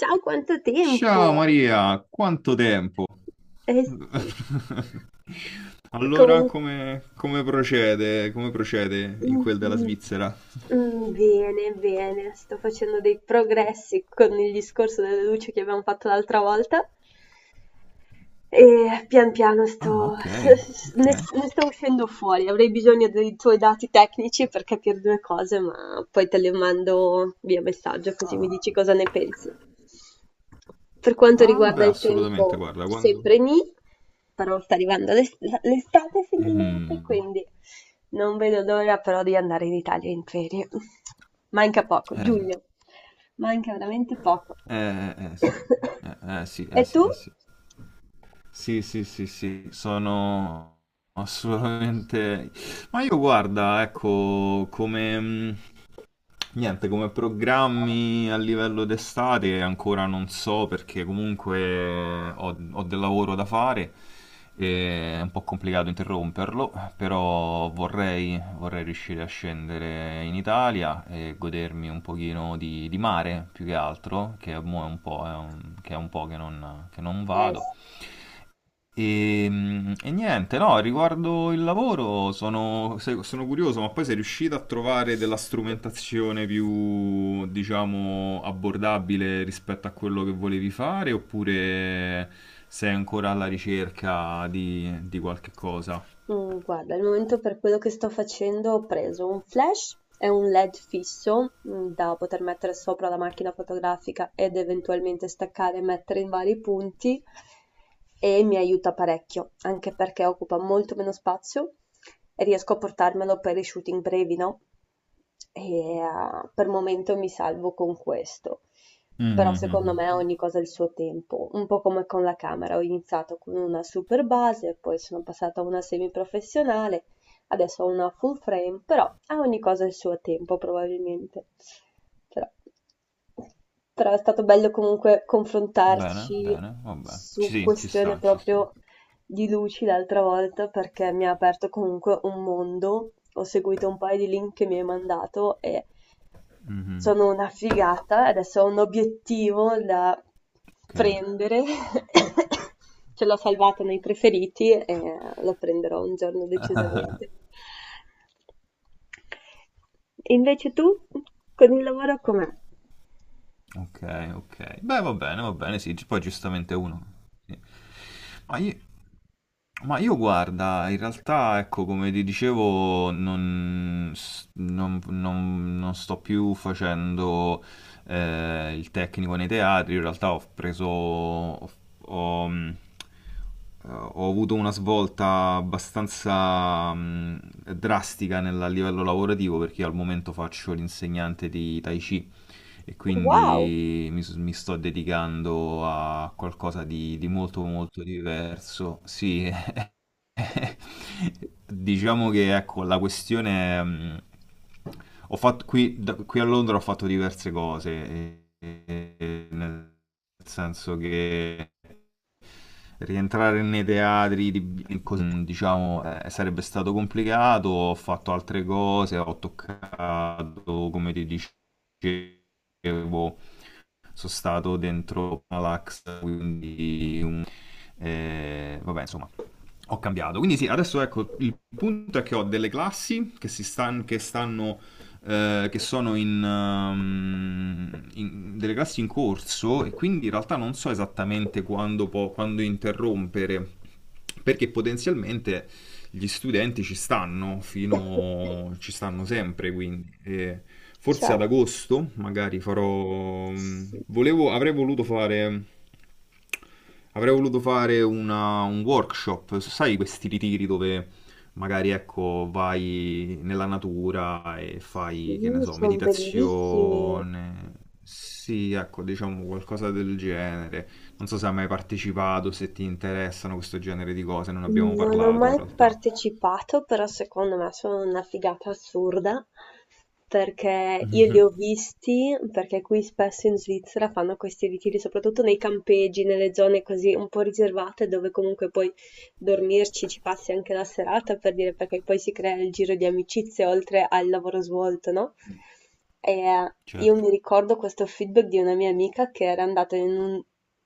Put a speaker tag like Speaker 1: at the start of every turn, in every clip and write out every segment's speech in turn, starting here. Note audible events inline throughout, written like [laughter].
Speaker 1: Ciao, quanto
Speaker 2: Ciao
Speaker 1: tempo!
Speaker 2: Maria, quanto tempo?
Speaker 1: Eh sì.
Speaker 2: [laughs] Allora,
Speaker 1: Comunque,
Speaker 2: come procede? Come procede in quel della Svizzera?
Speaker 1: bene, bene, sto facendo dei progressi con il discorso delle luci che abbiamo fatto l'altra volta. E pian piano sto,
Speaker 2: Ah, ok,
Speaker 1: [laughs]
Speaker 2: ok.
Speaker 1: ne sto uscendo fuori. Avrei bisogno dei tuoi dati tecnici per capire due cose, ma poi te le mando via messaggio così mi
Speaker 2: Ah,
Speaker 1: dici cosa ne pensi. Per quanto
Speaker 2: ah,
Speaker 1: riguarda
Speaker 2: beh,
Speaker 1: il
Speaker 2: assolutamente,
Speaker 1: tempo,
Speaker 2: guarda, quando.
Speaker 1: sempre nì, però sta arrivando l'estate finalmente,
Speaker 2: Mm.
Speaker 1: quindi non vedo l'ora però di andare in Italia in ferie. Manca poco,
Speaker 2: Eh,
Speaker 1: giugno, manca veramente poco.
Speaker 2: sì.
Speaker 1: [coughs]
Speaker 2: Sì,
Speaker 1: E tu?
Speaker 2: sì, sì. Sì, sì, sì, sì, sono assolutamente. Ma io guarda, ecco, niente, come programmi a livello d'estate ancora non so perché comunque ho del lavoro da fare e è un po' complicato interromperlo, però vorrei riuscire a scendere in Italia e godermi un pochino di mare più che altro, che mo è un po', che è un po' che non
Speaker 1: Eh,
Speaker 2: vado.
Speaker 1: s-
Speaker 2: E niente, no, riguardo il lavoro sono, se- sono curioso, ma poi sei riuscito a trovare della strumentazione più, diciamo, abbordabile rispetto a quello che volevi fare, oppure sei ancora alla ricerca di qualche cosa?
Speaker 1: guarda, al momento per quello che sto facendo ho preso un flash e un LED fisso da poter mettere sopra la macchina fotografica ed eventualmente staccare e mettere in vari punti e mi aiuta parecchio, anche perché occupa molto meno spazio e riesco a portarmelo per i shooting brevi, no? E per momento mi salvo con questo. Però
Speaker 2: Mhm, mhm,
Speaker 1: secondo me ogni
Speaker 2: mhm.
Speaker 1: cosa ha il suo tempo, un po' come con la camera. Ho iniziato con una super base, poi sono passata a una semiprofessionale, adesso ho una full frame, però a ogni cosa il suo tempo probabilmente. Però, però è stato bello comunque
Speaker 2: Bene,
Speaker 1: confrontarci
Speaker 2: bene, vabbè. Ci,
Speaker 1: su
Speaker 2: sì, ci
Speaker 1: questioni
Speaker 2: sta, ci sta.
Speaker 1: proprio di luci l'altra volta perché mi ha aperto comunque un mondo. Ho seguito un paio di link che mi hai mandato e
Speaker 2: Mhm,
Speaker 1: sono una figata. Adesso ho un obiettivo da
Speaker 2: ok.
Speaker 1: prendere. [coughs] Ce l'ho salvata nei preferiti e lo prenderò un giorno decisamente. E invece tu con il lavoro com'è?
Speaker 2: Ok, ok. Beh, va bene, sì, poi giustamente uno. Sì. Ma io, ma io guarda, in realtà, ecco, come ti dicevo, non, s- non- non- non sto più facendo il tecnico nei teatri. Io in realtà ho preso... ho- ho, ho avuto una svolta abbastanza drastica a livello lavorativo perché io al momento faccio l'insegnante di Tai Chi e
Speaker 1: Wow!
Speaker 2: quindi mi sto dedicando a qualcosa di molto molto diverso. Sì, diciamo che ecco, la questione. Ho fatto, qui, da- Qui a Londra ho fatto diverse cose, e- nel senso che rientrare nei teatri, diciamo, sarebbe stato complicato, ho fatto altre cose, ho toccato, come ti dicevo, sono stato dentro Malax, quindi vabbè, insomma, ho cambiato. Quindi sì, adesso ecco, il punto è che ho delle classi che stanno, che sono in delle classi in corso, e quindi in realtà non so esattamente quando interrompere, perché potenzialmente gli studenti
Speaker 1: [coughs]
Speaker 2: ci stanno sempre, quindi e forse
Speaker 1: Cioè,
Speaker 2: ad agosto magari
Speaker 1: sì,
Speaker 2: avrei voluto fare. Avrei voluto fare un workshop, sai questi ritiri dove magari ecco, vai nella natura e
Speaker 1: sì,
Speaker 2: fai, che ne so,
Speaker 1: sono bellissimi.
Speaker 2: meditazione. Sì, ecco, diciamo qualcosa del genere. Non so se hai mai partecipato, se ti interessano questo genere di cose, non abbiamo
Speaker 1: Non ho
Speaker 2: parlato in
Speaker 1: mai
Speaker 2: realtà. [laughs]
Speaker 1: partecipato, però secondo me sono una figata assurda, perché io li
Speaker 2: Mhm,
Speaker 1: ho visti, perché qui spesso in Svizzera fanno questi ritiri, soprattutto nei campeggi, nelle zone così un po' riservate, dove comunque poi dormirci ci passi anche la serata, per dire, perché poi si crea il giro di amicizie oltre al lavoro svolto, no? E io
Speaker 2: certo.
Speaker 1: mi ricordo questo feedback di una mia amica che era andata in un,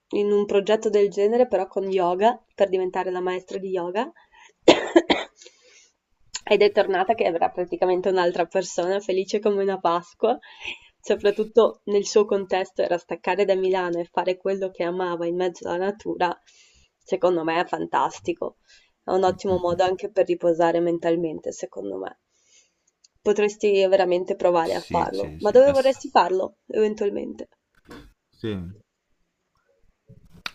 Speaker 1: in un progetto del genere, però con yoga, per diventare la maestra di yoga. [coughs] Ed è tornata che era praticamente un'altra persona, felice come una Pasqua, soprattutto nel suo contesto era staccare da Milano e fare quello che amava in mezzo alla natura, secondo me è fantastico. È un ottimo
Speaker 2: Mm,
Speaker 1: modo anche per riposare mentalmente, secondo me. Potresti veramente provare a
Speaker 2: sì,
Speaker 1: farlo.
Speaker 2: sì,
Speaker 1: Ma
Speaker 2: sì.
Speaker 1: dove vorresti farlo, eventualmente?
Speaker 2: Sì.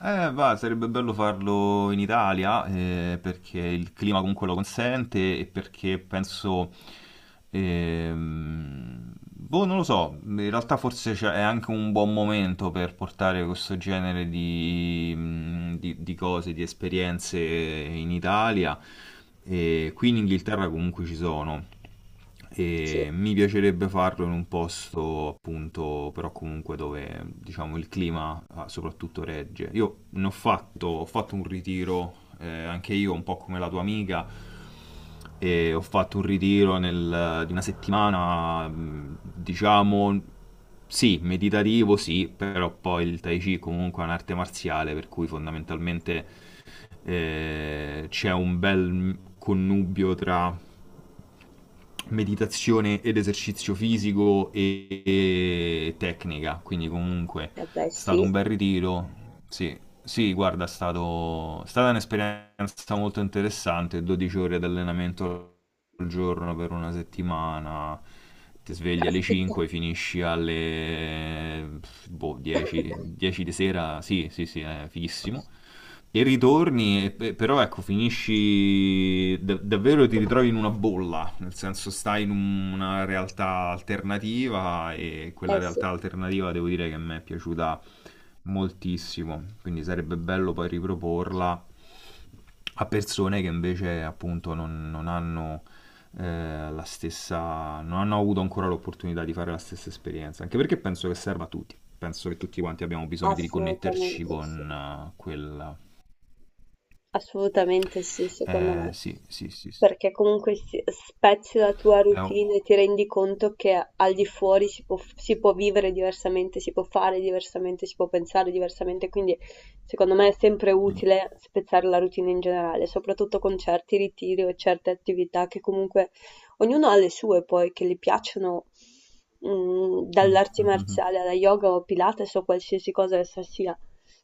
Speaker 2: Va, sarebbe bello farlo in Italia, perché il clima comunque lo consente e perché penso. Boh, non lo so, in realtà forse è anche un buon momento per portare questo genere di cose, di esperienze in Italia. E qui in Inghilterra comunque ci sono.
Speaker 1: Sì,
Speaker 2: E mi piacerebbe farlo in un posto appunto, però comunque dove diciamo il clima soprattutto regge. Io ho fatto un ritiro, anche io un po' come la tua amica, e ho fatto un ritiro di una settimana, diciamo, sì, meditativo, sì, però poi il Tai Chi comunque è un'arte marziale, per cui fondamentalmente c'è un bel connubio tra meditazione ed esercizio fisico e tecnica, quindi comunque è
Speaker 1: eh beh sì,
Speaker 2: stato un bel ritiro. Sì, sì, guarda, è stata un'esperienza molto interessante, 12 ore di allenamento al giorno per una settimana, ti svegli alle
Speaker 1: caspita,
Speaker 2: 5, finisci alle boh, 10, 10 di sera, sì, sì, sì, è fighissimo e ritorni, però ecco, finisci davvero ti ritrovi in una bolla, nel senso stai in una realtà alternativa, e quella
Speaker 1: eh sì,
Speaker 2: realtà alternativa devo dire che a me è piaciuta moltissimo, quindi sarebbe bello poi riproporla a persone che invece appunto non hanno la stessa, non hanno avuto ancora l'opportunità di fare la stessa esperienza, anche perché penso che serva a tutti. Penso che tutti quanti abbiamo bisogno di riconnetterci
Speaker 1: assolutamente sì.
Speaker 2: con quel,
Speaker 1: Assolutamente sì, secondo me,
Speaker 2: sì, sì, sì, sì.
Speaker 1: perché comunque spezzi la tua
Speaker 2: È un-
Speaker 1: routine e ti rendi conto che al di fuori si può vivere diversamente, si può fare diversamente, si può pensare diversamente, quindi secondo me è sempre utile spezzare la routine in generale, soprattutto con certi ritiri o certe attività che comunque ognuno ha le sue poi che gli piacciono, mhmm, dalle
Speaker 2: Mm,
Speaker 1: arti
Speaker 2: mm, mm, mm.
Speaker 1: marziali alla yoga o Pilates o qualsiasi cosa essa sia.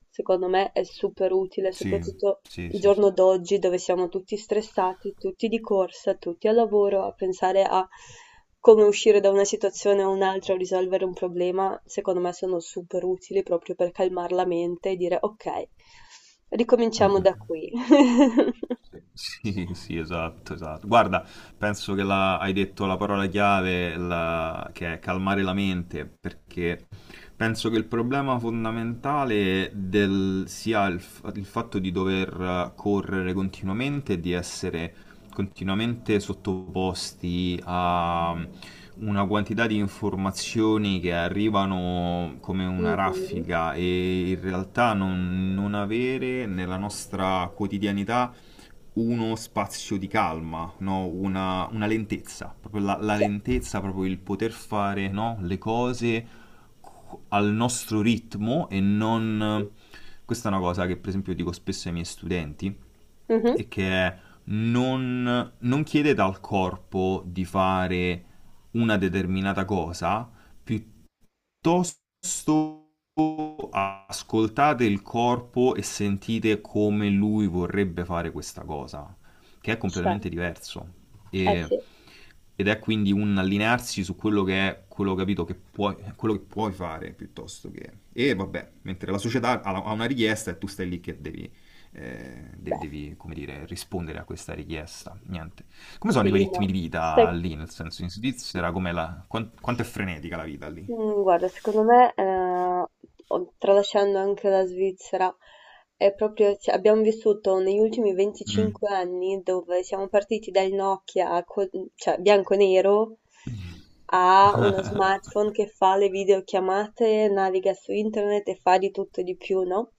Speaker 1: Secondo me è super utile,
Speaker 2: Sì,
Speaker 1: soprattutto
Speaker 2: sì,
Speaker 1: il
Speaker 2: sì, sì.
Speaker 1: giorno d'oggi dove siamo tutti stressati, tutti di corsa, tutti al lavoro, a pensare a come uscire da una situazione o un'altra o risolvere un problema, secondo me sono super utili proprio per calmar la mente e dire: "Okay,
Speaker 2: Mm,
Speaker 1: ricominciamo
Speaker 2: mm.
Speaker 1: da qui". [laughs]
Speaker 2: Sì, sì, esatto, esatto. Guarda, penso che hai detto la parola chiave, che è calmare la mente, perché penso che il problema fondamentale sia il fatto di dover correre continuamente e di essere continuamente sottoposti a una quantità di informazioni che arrivano come una
Speaker 1: Mh-mh.
Speaker 2: raffica, e in realtà non avere nella nostra quotidianità uno spazio di calma, no? Una lentezza, proprio la
Speaker 1: Ce
Speaker 2: lentezza, proprio il poter fare, no, le cose al nostro ritmo e non. Questa è una cosa che per esempio dico spesso ai miei studenti,
Speaker 1: Mh-mh,
Speaker 2: e che è non chiedete al corpo di fare una determinata cosa, piuttosto piuttosto ascoltate il corpo e sentite come lui vorrebbe fare questa cosa, che è completamente
Speaker 1: certo.
Speaker 2: diverso.
Speaker 1: Eh
Speaker 2: E-
Speaker 1: sì,
Speaker 2: Ed è quindi un allinearsi su quello che è, quello capito che puoi, quello che puoi fare piuttosto che. E vabbè, mentre la società ha una richiesta e tu stai lì che devi, eh, de-
Speaker 1: beh,
Speaker 2: devi come dire, rispondere a questa richiesta. Niente. Come sono i tuoi
Speaker 1: sì,
Speaker 2: ritmi
Speaker 1: no.
Speaker 2: di vita
Speaker 1: Sai,
Speaker 2: lì, nel senso in Svizzera, com'è quanto è frenetica la vita lì?
Speaker 1: Mhmm, guarda secondo me, o tralasciando anche la Svizzera, è proprio cioè abbiamo vissuto negli ultimi
Speaker 2: Mh.
Speaker 1: 25 anni dove siamo partiti dal Nokia co cioè bianco e nero, a uno
Speaker 2: Mh-mh-mh-mh.
Speaker 1: smartphone che fa le videochiamate, naviga su internet e fa di tutto e di più, no,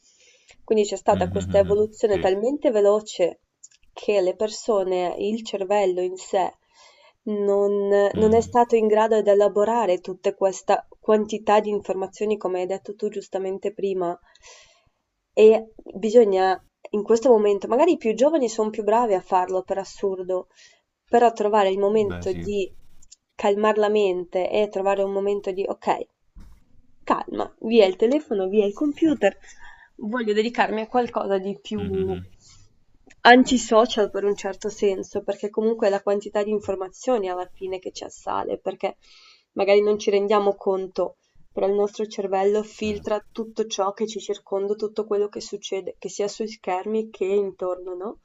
Speaker 1: quindi c'è stata questa
Speaker 2: [laughs]
Speaker 1: evoluzione
Speaker 2: Sì.
Speaker 1: talmente veloce che le persone, il cervello in sé non è
Speaker 2: Mh-mh.
Speaker 1: stato in grado di elaborare tutta questa quantità di informazioni, come hai detto tu giustamente prima. E bisogna, in questo momento, magari i più giovani sono più bravi a farlo per assurdo, però trovare il
Speaker 2: Beh
Speaker 1: momento
Speaker 2: sì.
Speaker 1: di calmar la mente e trovare un momento di ok, calma, via il telefono, via il computer, voglio dedicarmi a qualcosa di più
Speaker 2: Mh-mh-mh.
Speaker 1: antisocial per un certo senso, perché comunque è la quantità di informazioni alla fine che ci assale, perché magari non ci rendiamo conto però il nostro cervello
Speaker 2: Sì.
Speaker 1: filtra tutto ciò che ci circonda, tutto quello che succede, che sia sui schermi che intorno, no?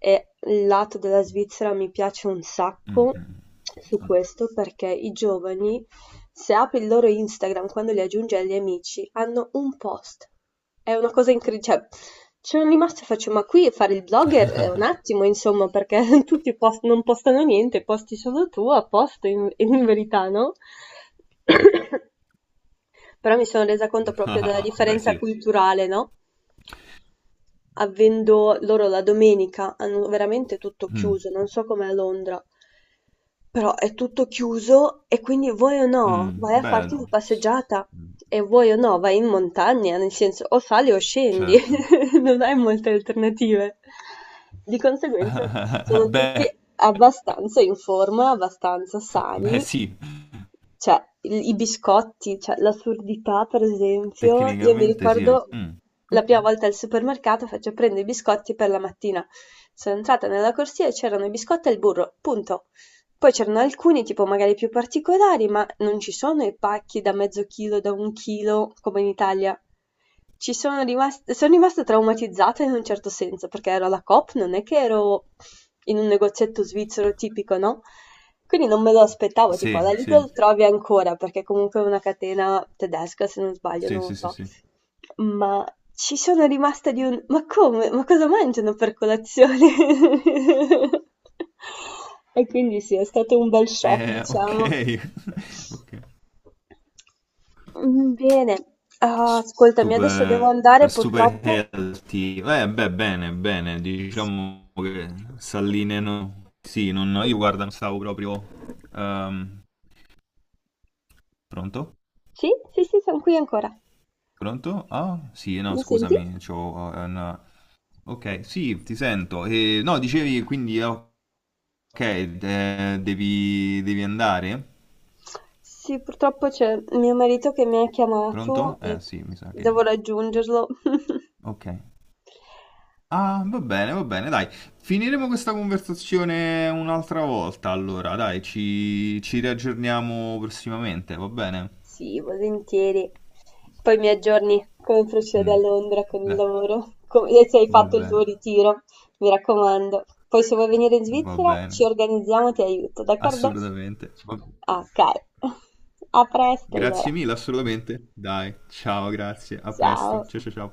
Speaker 1: E il lato della Svizzera mi piace un sacco
Speaker 2: Mh-mh.
Speaker 1: su questo perché i giovani, se apri il loro Instagram quando li aggiungi agli amici, hanno un post. È una cosa incredibile. Cioè, ci sono rimasta e faccio, ma qui fare il blogger è un attimo, insomma, perché [laughs] tutti non postano niente, posti solo tu a posto in verità, no? [clears throat] Però mi sono resa conto proprio della
Speaker 2: [laughs] Beh
Speaker 1: differenza
Speaker 2: sì.
Speaker 1: culturale, no? Avendo loro la domenica hanno veramente tutto
Speaker 2: Mh.
Speaker 1: chiuso, non so com'è a Londra, però è tutto chiuso e quindi vuoi o no
Speaker 2: Mh.
Speaker 1: vai a
Speaker 2: Beh,
Speaker 1: farti una
Speaker 2: s
Speaker 1: passeggiata
Speaker 2: mh,
Speaker 1: e vuoi o no vai in montagna, nel senso o sali o scendi,
Speaker 2: certo.
Speaker 1: [laughs] non hai molte alternative. Di conseguenza
Speaker 2: [laughs]
Speaker 1: sono tutti
Speaker 2: Beh,
Speaker 1: abbastanza in forma, abbastanza
Speaker 2: beh
Speaker 1: sani,
Speaker 2: sì,
Speaker 1: cioè, i biscotti, cioè l'assurdità, per esempio, io mi
Speaker 2: tecnicamente sì.
Speaker 1: ricordo
Speaker 2: Mh.
Speaker 1: la prima
Speaker 2: Okay.
Speaker 1: volta al supermercato faccio prendo i biscotti per la mattina. Sono entrata nella corsia e c'erano i biscotti e il burro, punto. Poi c'erano alcuni, tipo magari più particolari, ma non ci sono i pacchi da mezzo chilo, da un chilo, come in Italia. Ci sono rimasta traumatizzata in un certo senso, perché ero alla Coop, non è che ero in un negozietto svizzero tipico, no? Quindi non me lo aspettavo, tipo alla
Speaker 2: Sì, sì.
Speaker 1: Lidl trovi ancora, perché comunque è una catena tedesca, se non sbaglio,
Speaker 2: Sì,
Speaker 1: non lo
Speaker 2: sì, sì,
Speaker 1: so.
Speaker 2: sì.
Speaker 1: Ma ci sono rimasta di un: "Ma come? Ma cosa mangiano per colazione?" [laughs] E quindi sì, è stato un bel shock, diciamo.
Speaker 2: Okay. [laughs] Okay.
Speaker 1: Mhmm, bene. Ah, ascoltami, adesso devo
Speaker 2: Super,
Speaker 1: andare
Speaker 2: super
Speaker 1: purtroppo.
Speaker 2: healthy. Beh, bene, bene. Diciamo che s'allineano. Sì, non, io guarda, non stavo proprio. ehm, Pronto?
Speaker 1: Sì, sì, sì, son qui ancora.
Speaker 2: Pronto? Ah, sì, no,
Speaker 1: Mi senti?
Speaker 2: scusami, c'ho, una. Ok, sì, ti sento. E, no, dicevi quindi, ok, devi andare?
Speaker 1: Sì, purtroppo c'è mio marito che mi ha
Speaker 2: Pronto?
Speaker 1: chiamato e
Speaker 2: Sì, mi sa che.
Speaker 1: devo raggiungerlo. [laughs]
Speaker 2: Ok. Ah, va bene, dai. Finiremo questa conversazione un'altra volta, allora, dai, ci riaggiorniamo prossimamente, va bene?
Speaker 1: Sì, volentieri. Poi mi aggiorni come procede a
Speaker 2: Mm,
Speaker 1: Londra con il
Speaker 2: dai,
Speaker 1: lavoro, e se hai
Speaker 2: va
Speaker 1: fatto il tuo
Speaker 2: bene,
Speaker 1: ritiro, mi raccomando. Poi se vuoi venire in
Speaker 2: va
Speaker 1: Svizzera
Speaker 2: bene,
Speaker 1: ci organizziamo, ti aiuto, d'accordo?
Speaker 2: assolutamente.
Speaker 1: Ok, [laughs] a presto
Speaker 2: Grazie
Speaker 1: allora.
Speaker 2: mille, assolutamente. Dai, ciao, grazie, a presto,
Speaker 1: Ciao.
Speaker 2: ciao ciao ciao.